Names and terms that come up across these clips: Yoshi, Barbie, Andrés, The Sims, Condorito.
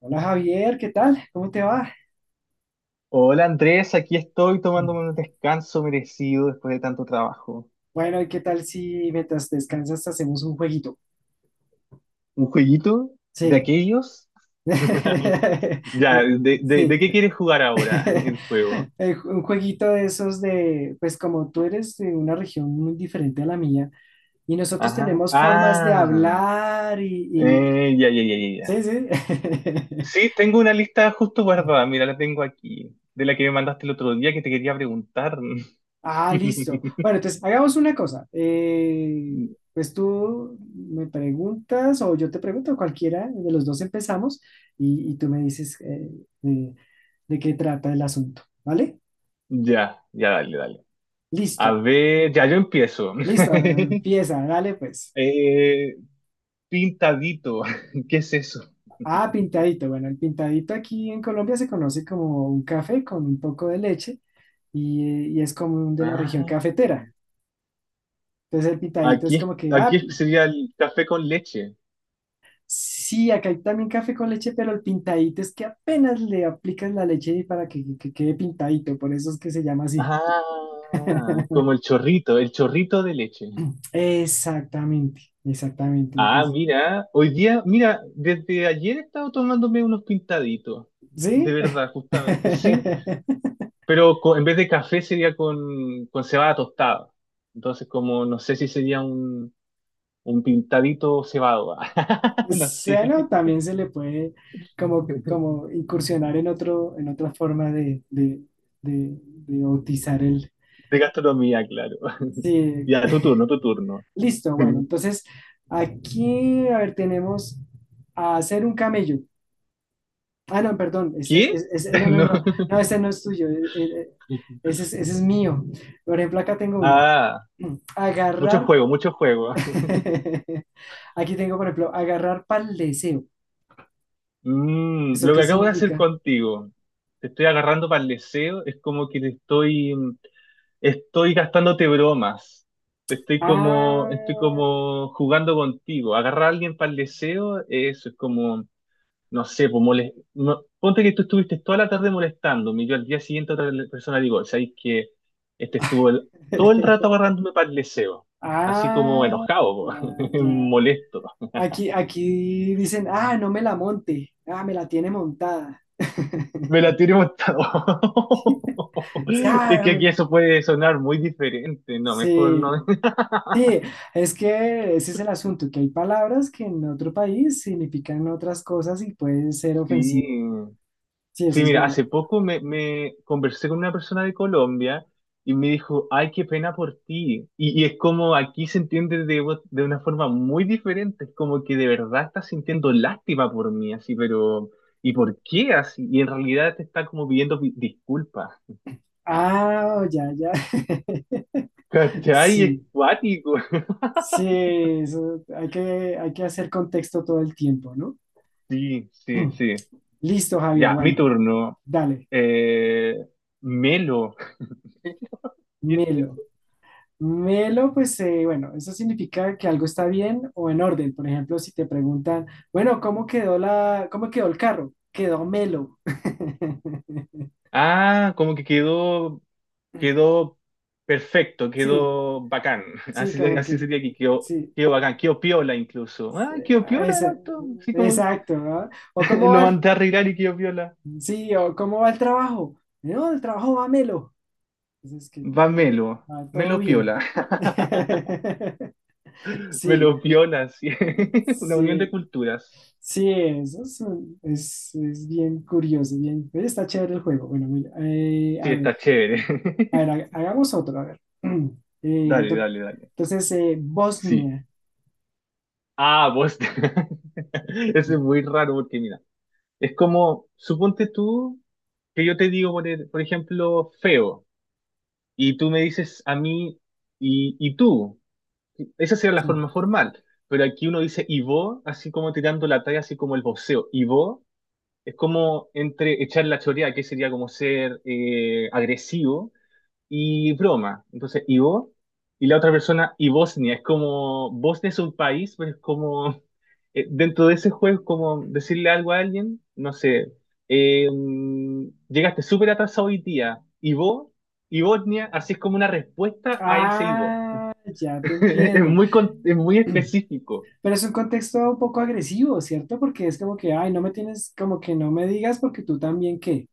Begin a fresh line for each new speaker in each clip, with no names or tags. Hola Javier, ¿qué tal? ¿Cómo te va?
Hola Andrés, aquí estoy tomándome un descanso merecido después de tanto trabajo.
Bueno, ¿y qué tal si mientras descansas hacemos un jueguito?
¿Un jueguito de
Sí.
aquellos? Ya, ¿de
Sí.
qué quieres jugar ahora el juego?
Un jueguito de esos de, pues como tú eres de una región muy diferente a la mía y nosotros
Ajá.
tenemos formas de
Ah,
hablar y
ya, ya, ya, ya, ya.
Sí, sí.
Sí, tengo una lista justo guardada, mira, la tengo aquí, de la que me mandaste el otro día que te quería preguntar.
Ah, listo. Bueno, entonces hagamos una cosa. Pues tú me preguntas o yo te pregunto, cualquiera de los dos empezamos y tú me dices de, de qué trata el asunto, ¿vale?
Ya, ya, dale, dale. A
Listo,
ver, ya yo empiezo.
listo, empieza, dale pues.
Eh, pintadito, ¿qué es eso?
Ah, pintadito. Bueno, el pintadito aquí en Colombia se conoce como un café con un poco de leche y es común de la región
Ah,
cafetera. Entonces el pintadito
aquí,
es
es-
como que,
aquí
ah.
es- sería el café con leche.
Sí, acá hay también café con leche, pero el pintadito es que apenas le aplicas la leche y para que quede pintadito, por eso es que se llama así.
Ah, como el chorrito de leche.
Exactamente, exactamente.
Ah,
Entonces,
mira, hoy día, mira, desde ayer he estado tomándome unos pintaditos, de
¿sí?
verdad, justamente, sí, pero en vez de café sería con cebada tostada. Entonces, como no sé si sería un pintadito cebado, no sé,
Seno también se le puede como,
de
como incursionar en otro, en otra forma de bautizar el.
gastronomía, claro.
Sí.
Ya, tu turno, tu turno.
Listo, bueno, entonces aquí, a ver, tenemos a hacer un camello. Ah, no, perdón, este es,
¿Qué?
es- es- no, no,
No.
no, no, este no es tuyo, ese es mío. Por ejemplo, acá tengo uno.
Ah, mucho
Agarrar,
juego, mucho juego.
aquí tengo, por ejemplo, agarrar pal deseo.
Mm,
¿Eso
lo
qué
que acabo de hacer
significa?
contigo, te estoy agarrando para el deseo, es como que estoy gastándote bromas. Te estoy
Ah,
como jugando contigo. Agarrar a alguien para el deseo, eso es como no sé, pues ponte que tú estuviste toda la tarde molestándome y yo al día siguiente otra persona digo, ¿sabes que este estuvo todo el rato agarrándome para el deseo, así como
ah,
enojado, po,
ya.
molesto?
Aquí, aquí dicen, ah, no me la monte, ah, me la tiene montada.
Me la tiré montado.
Sí,
Es
ah,
que aquí
me-
eso puede sonar muy diferente, no, mejor
sí.
no.
Sí, es que ese es el asunto, que hay palabras que en otro país significan otras cosas y pueden ser
Sí.
ofensivo. Sí, eso
Sí,
es
mira, hace
verdad.
poco me conversé con una persona de Colombia y me dijo, ay, qué pena por ti. Y es como aquí se entiende de, de una forma muy diferente, es como que de verdad estás sintiendo lástima por mí, así, pero ¿y por qué así? Y en realidad te está como pidiendo disculpas.
Ah, ya, ya.
¿Cachai? Es
Sí,
cuático.
sí, eso hay que hacer contexto todo el tiempo, ¿no?
Sí, sí, sí.
Listo, Javier,
Ya, mi
bueno,
turno.
dale,
Eh, Melo. ¿Qué es
melo.
eso?
Melo, pues bueno, eso significa que algo está bien o en orden. Por ejemplo, si te preguntan, bueno, ¿cómo quedó la, cómo quedó el carro? Quedó melo.
Ah, como que quedó perfecto,
Sí,
quedó bacán.
sí,
Así,
como
así
que,
sería que
sí,
quedó bacán, quedó piola incluso. Ah, quedó piola el
esa-
auto, así como
exacto, ¿ah? O cómo
lo
va, el-
mandé a arreglar y quedó piola.
sí, o cómo va el trabajo. No, el trabajo va melo. Entonces, que
Va
todo,
Melo,
va todo
Melo
bien.
piola,
Sí,
Melo piola, sí. Una unión de
sí,
culturas.
sí, eso es, es bien curioso, bien, está chévere el juego. Bueno, mira, eh,
Sí,
a ver,
está chévere.
a ver, ha- hagamos otro, a ver. Eh, me
Dale,
to-
dale, dale.
Entonces,
Sí.
Bosnia.
Ah, vos. Eso es muy raro porque mira, es como, suponte tú que yo te digo, por, por ejemplo, feo. Y tú me dices a mí, y tú. Esa sería la
Sí.
forma formal. Pero aquí uno dice y vos, así como tirando la talla, así como el voceo. Y vos es como entre echar la choreada, que sería como ser agresivo, y broma. Entonces, y la otra persona, y Bosnia. Es como, Bosnia es un país, pero es como, dentro de ese juego, es como decirle algo a alguien, no sé, eh, llegaste súper atrasado hoy día, y vos, y Bosnia, así es como una respuesta a ese y.
Ah, ya te
Es
entiendo.
muy, es muy específico.
Pero es un contexto un poco agresivo, ¿cierto? Porque es como que, ay, no me tienes, como que no me digas porque tú también qué,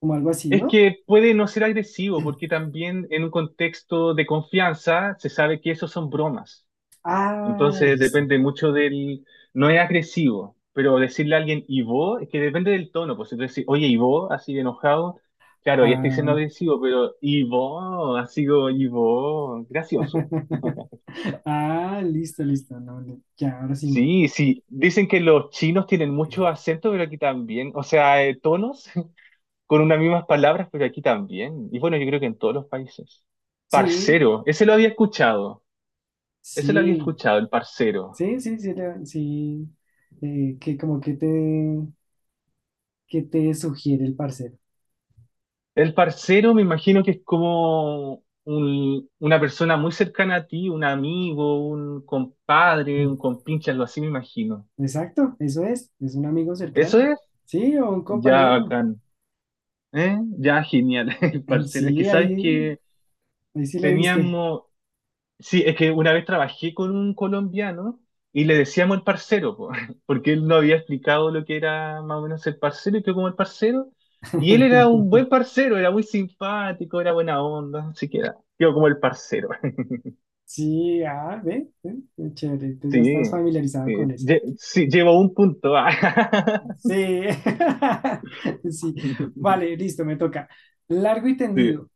como algo así,
Es
¿no?
que puede no ser agresivo, porque también en un contexto de confianza se sabe que esos son bromas.
Ah,
Entonces
listo.
depende mucho del... No es agresivo, pero decirle a alguien ¿y vos? Es que depende del tono. Pues si tú decís, oye, ¿y vos? Así de enojado. Claro, ya estoy siendo
Ah,
agresivo, pero ¿y vos? Así como, ¿y vos? Gracioso.
ah, listo, listo. No, no, ya, ahora sí.
Sí, sí. Dicen que los chinos tienen mucho acento, pero aquí también. O sea, tonos con unas mismas palabras, pero aquí también. Y bueno, yo creo que en todos los países.
Sí,
Parcero, ese lo había escuchado. Ese lo había
sí,
escuchado, el parcero.
sí, sí, sí, sí. Eh, que como que te, que te sugiere el parcero.
El parcero me imagino que es como una persona muy cercana a ti, un amigo, un compadre, un compinche, algo así me imagino.
Mm, exacto, eso es un amigo
¿Eso
cercano.
es?
Sí, o un
Ya
compañero.
bacán. ¿Eh? Ya genial, el parcero. Es que
Sí,
sabes
ahí,
que
ahí sí le diste.
teníamos, sí, es que una vez trabajé con un colombiano y le decíamos el parcero, po, porque él no había explicado lo que era más o menos el parcero y que como el parcero. Y él era un buen parcero, era muy simpático, era buena onda, así que era, quedó como el parcero.
Sí, ah, ve, ve, qué chévere, entonces
Sí,
ya estás familiarizado con eso.
sí, llevo un punto. Ah,
Sí, sí, vale, listo, me toca. Largo y
sí.
tendido,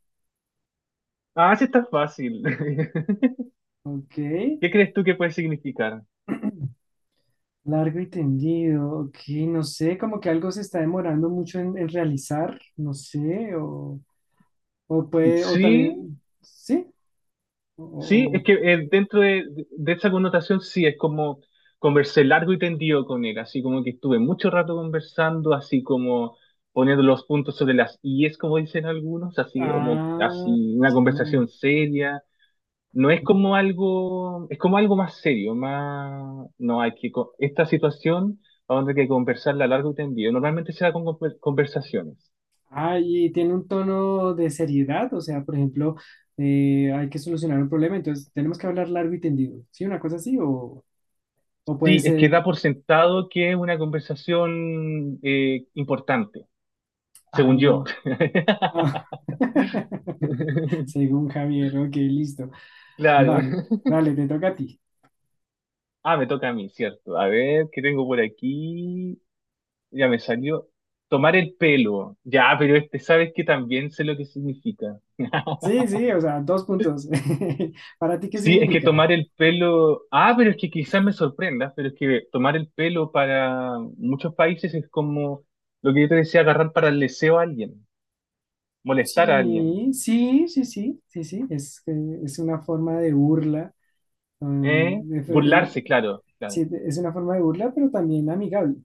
Ah, sí está fácil.
ok,
¿Qué crees tú que puede significar?
largo y tendido, ok, no sé, como que algo se está demorando mucho en realizar, no sé, o puede, o
Sí,
también, sí, o,
sí,
o-
es
o-
que dentro de esa connotación sí, es como conversé largo y tendido con él, así como que estuve mucho rato conversando, así como poniendo los puntos sobre las es como dicen algunos, así como
ah,
así una
ya.
conversación seria. No es como algo, es como algo más serio, más, no hay que, esta situación vamos a tener que conversarla largo y tendido. Normalmente se da con conversaciones.
Ah, y tiene un tono de seriedad, o sea, por ejemplo, hay que solucionar un problema, entonces tenemos que hablar largo y tendido, ¿sí? Una cosa así, o puede
Sí, es que
ser,
da por sentado que es una conversación importante,
ah,
según yo.
ah. Según Javier, ok, listo,
Claro.
vale, vale, te toca a ti.
Ah, me toca a mí, cierto. A ver, ¿qué tengo por aquí? Ya me salió. Tomar el pelo. Ya, pero este, ¿sabes que también sé lo que significa?
Sí, sí, o sea, dos puntos. ¿Para ti qué
Sí, es que
significa?
tomar el pelo, ah, pero es que quizás me sorprenda, pero es que tomar el pelo para muchos países es como lo que yo te decía, agarrar para el deseo a alguien, molestar a alguien,
Sí, sí, sí, sí, sí, sí, es una forma de burla, ah,
¿eh?
de- eh,
Burlarse, claro, claro.
sí, es una forma de burla, pero también amigable.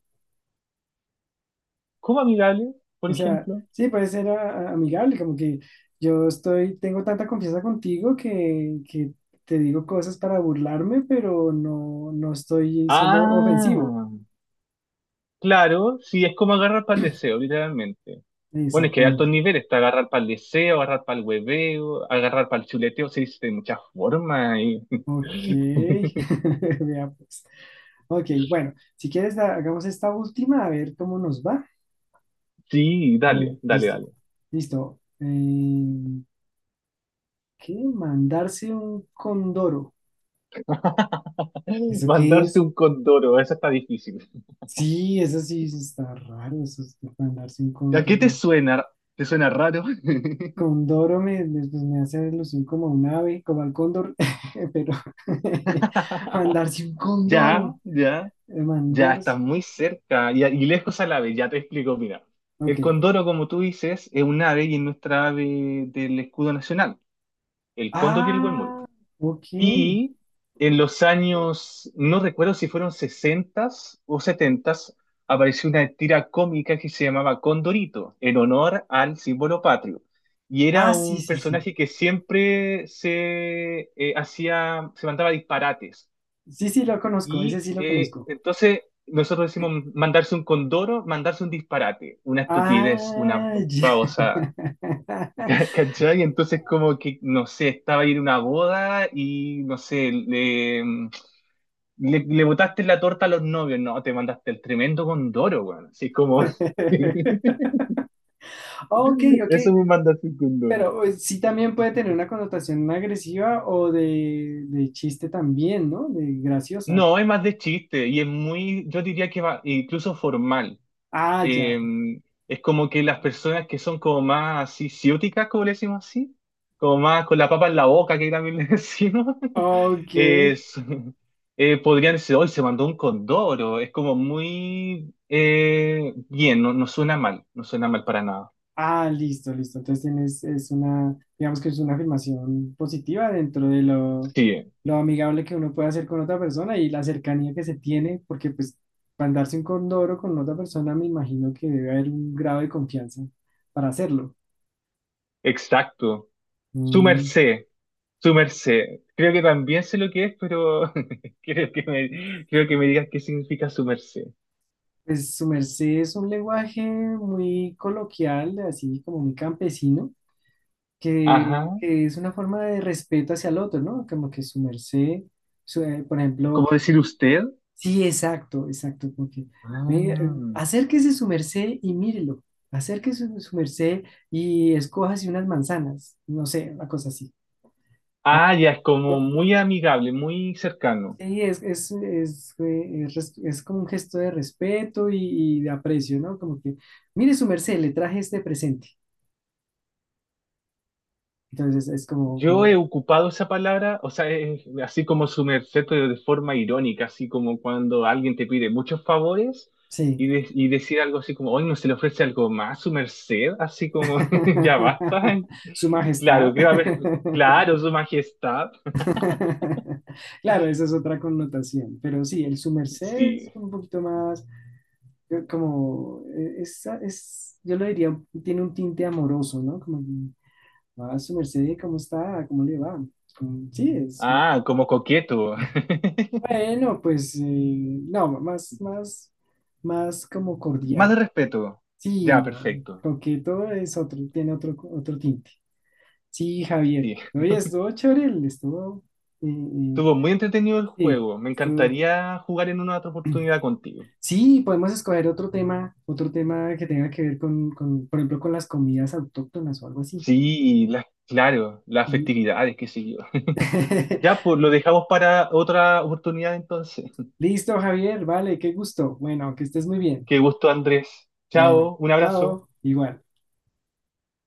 ¿Cómo amigable, por
O sea,
ejemplo?
sí, puede ser amigable, como que yo estoy, tengo tanta confianza contigo que te digo cosas para burlarme, pero no, no estoy siendo ofensivo.
Ah, claro, sí, es como agarrar para el deseo, literalmente. Bueno, es que hay altos
Exactamente.
niveles, está agarrar para el deseo, agarrar para el hueveo, agarrar para el chuleteo, se dice de muchas formas.
Ok. Vea pues. Ok, bueno, si quieres hagamos esta última a ver cómo nos va.
Sí,
A ver,
dale, dale,
listo.
dale.
Listo. ¿Qué? Mandarse un condoro. ¿Eso qué
Mandarse
es?
un condoro, eso está difícil.
Sí, eso sí está raro, eso es mandarse un
¿A qué te
condoro.
suena? ¿Te suena raro?
Condoro, pues me hace alusión como a un ave, como al cóndor, pero mandarse un
Ya,
condoro,
ya, ya,
mandarse,
estás muy cerca. Y lejos al ave, ya te explico, mira. El
ok.
condoro, como tú dices, es un ave y es nuestra ave del escudo nacional, el cóndor y el huemul.
Ah, ok.
Y en los años, no recuerdo si fueron 60 o 70, apareció una tira cómica que se llamaba Condorito, en honor al símbolo patrio. Y era
Ah, sí,
un
sí, sí.
personaje que siempre se se mandaba disparates.
Sí, sí, lo conozco, ese
Y
sí lo conozco.
entonces nosotros decimos mandarse un condoro, mandarse un disparate, una estupidez, una
Ah, ya.
babosa. ¿Cachai? Entonces como que, no sé, estaba ahí en una boda y, no sé, le, mm, le botaste la torta a los novios, no, te mandaste el tremendo condoro, weón. Así como...
Ok, ok,
Eso me mandaste un condoro.
pero sí también puede tener una connotación agresiva o de chiste también, ¿no? De graciosa.
No, es más de chiste y es muy, yo diría que va, incluso formal.
Ah, ya.
Eh, es como que las personas que son como más así, ciúticas, como le decimos así, como más con la papa en la boca, que también le decimos,
Ok.
es, podrían decir, hoy se mandó un condoro, es como muy bien, no, no suena mal, no suena mal para nada.
Ah, listo, listo. Entonces tienes, es una, digamos que es una afirmación positiva dentro de
Sí,
lo amigable que uno puede hacer con otra persona y la cercanía que se tiene, porque pues para andarse un condoro con otra persona me imagino que debe haber un grado de confianza para hacerlo.
exacto. Su
Mm,
merced, su merced. Creo que también sé lo que es, pero creo que me digas qué significa su merced.
pues su merced es un lenguaje muy coloquial, así como muy campesino,
Ajá.
que es una forma de respeto hacia el otro, ¿no? Como que su merced, por ejemplo...
¿Cómo decir usted?
Sí, exacto, exacto, porque venga,
Ah.
acérquese su merced y mírelo, acérquese su, su merced y escójase unas manzanas, no sé, una cosa así. O-
Ah, ya es como
o-
muy amigable, muy cercano.
Sí, es, es como un gesto de respeto y de aprecio, ¿no? Como que, mire su merced, le traje este presente. Entonces es como,
Yo
como,
he ocupado esa palabra, o sea, es así como su merced pero de forma irónica, así como cuando alguien te pide muchos favores
sí.
y decir algo así como, hoy no se le ofrece algo más, su merced, así como, ya basta.
Su
Claro,
majestad.
creo haber, claro, su majestad.
Claro, esa es otra connotación, pero sí, el su merced es
Sí.
un poquito más yo como, es, yo lo diría, tiene un tinte amoroso, ¿no? Como, a su merced, ¿cómo está? ¿Cómo le va? Como, sí, es,
Ah, como coqueto.
bueno, pues, no, más, más, más como
Más de
cordial.
respeto.
Sí,
Ya,
no,
perfecto.
coqueto es otro, tiene otro, otro tinte. Sí, Javier,
Sí.
oye, estuvo chévere, estuvo, eh, eh,
Estuvo muy entretenido el
sí,
juego. Me
estuvo-
encantaría jugar en una otra oportunidad contigo.
Sí, podemos escoger otro tema que tenga que ver con, por ejemplo, con las comidas autóctonas o algo así.
Sí, las, claro, las
Mm.
festividades, qué sé yo. Ya, pues lo dejamos para otra oportunidad entonces.
Listo, Javier, vale, qué gusto. Bueno, que estés muy bien.
Qué gusto, Andrés.
Bueno,
Chao, un abrazo.
chao, igual.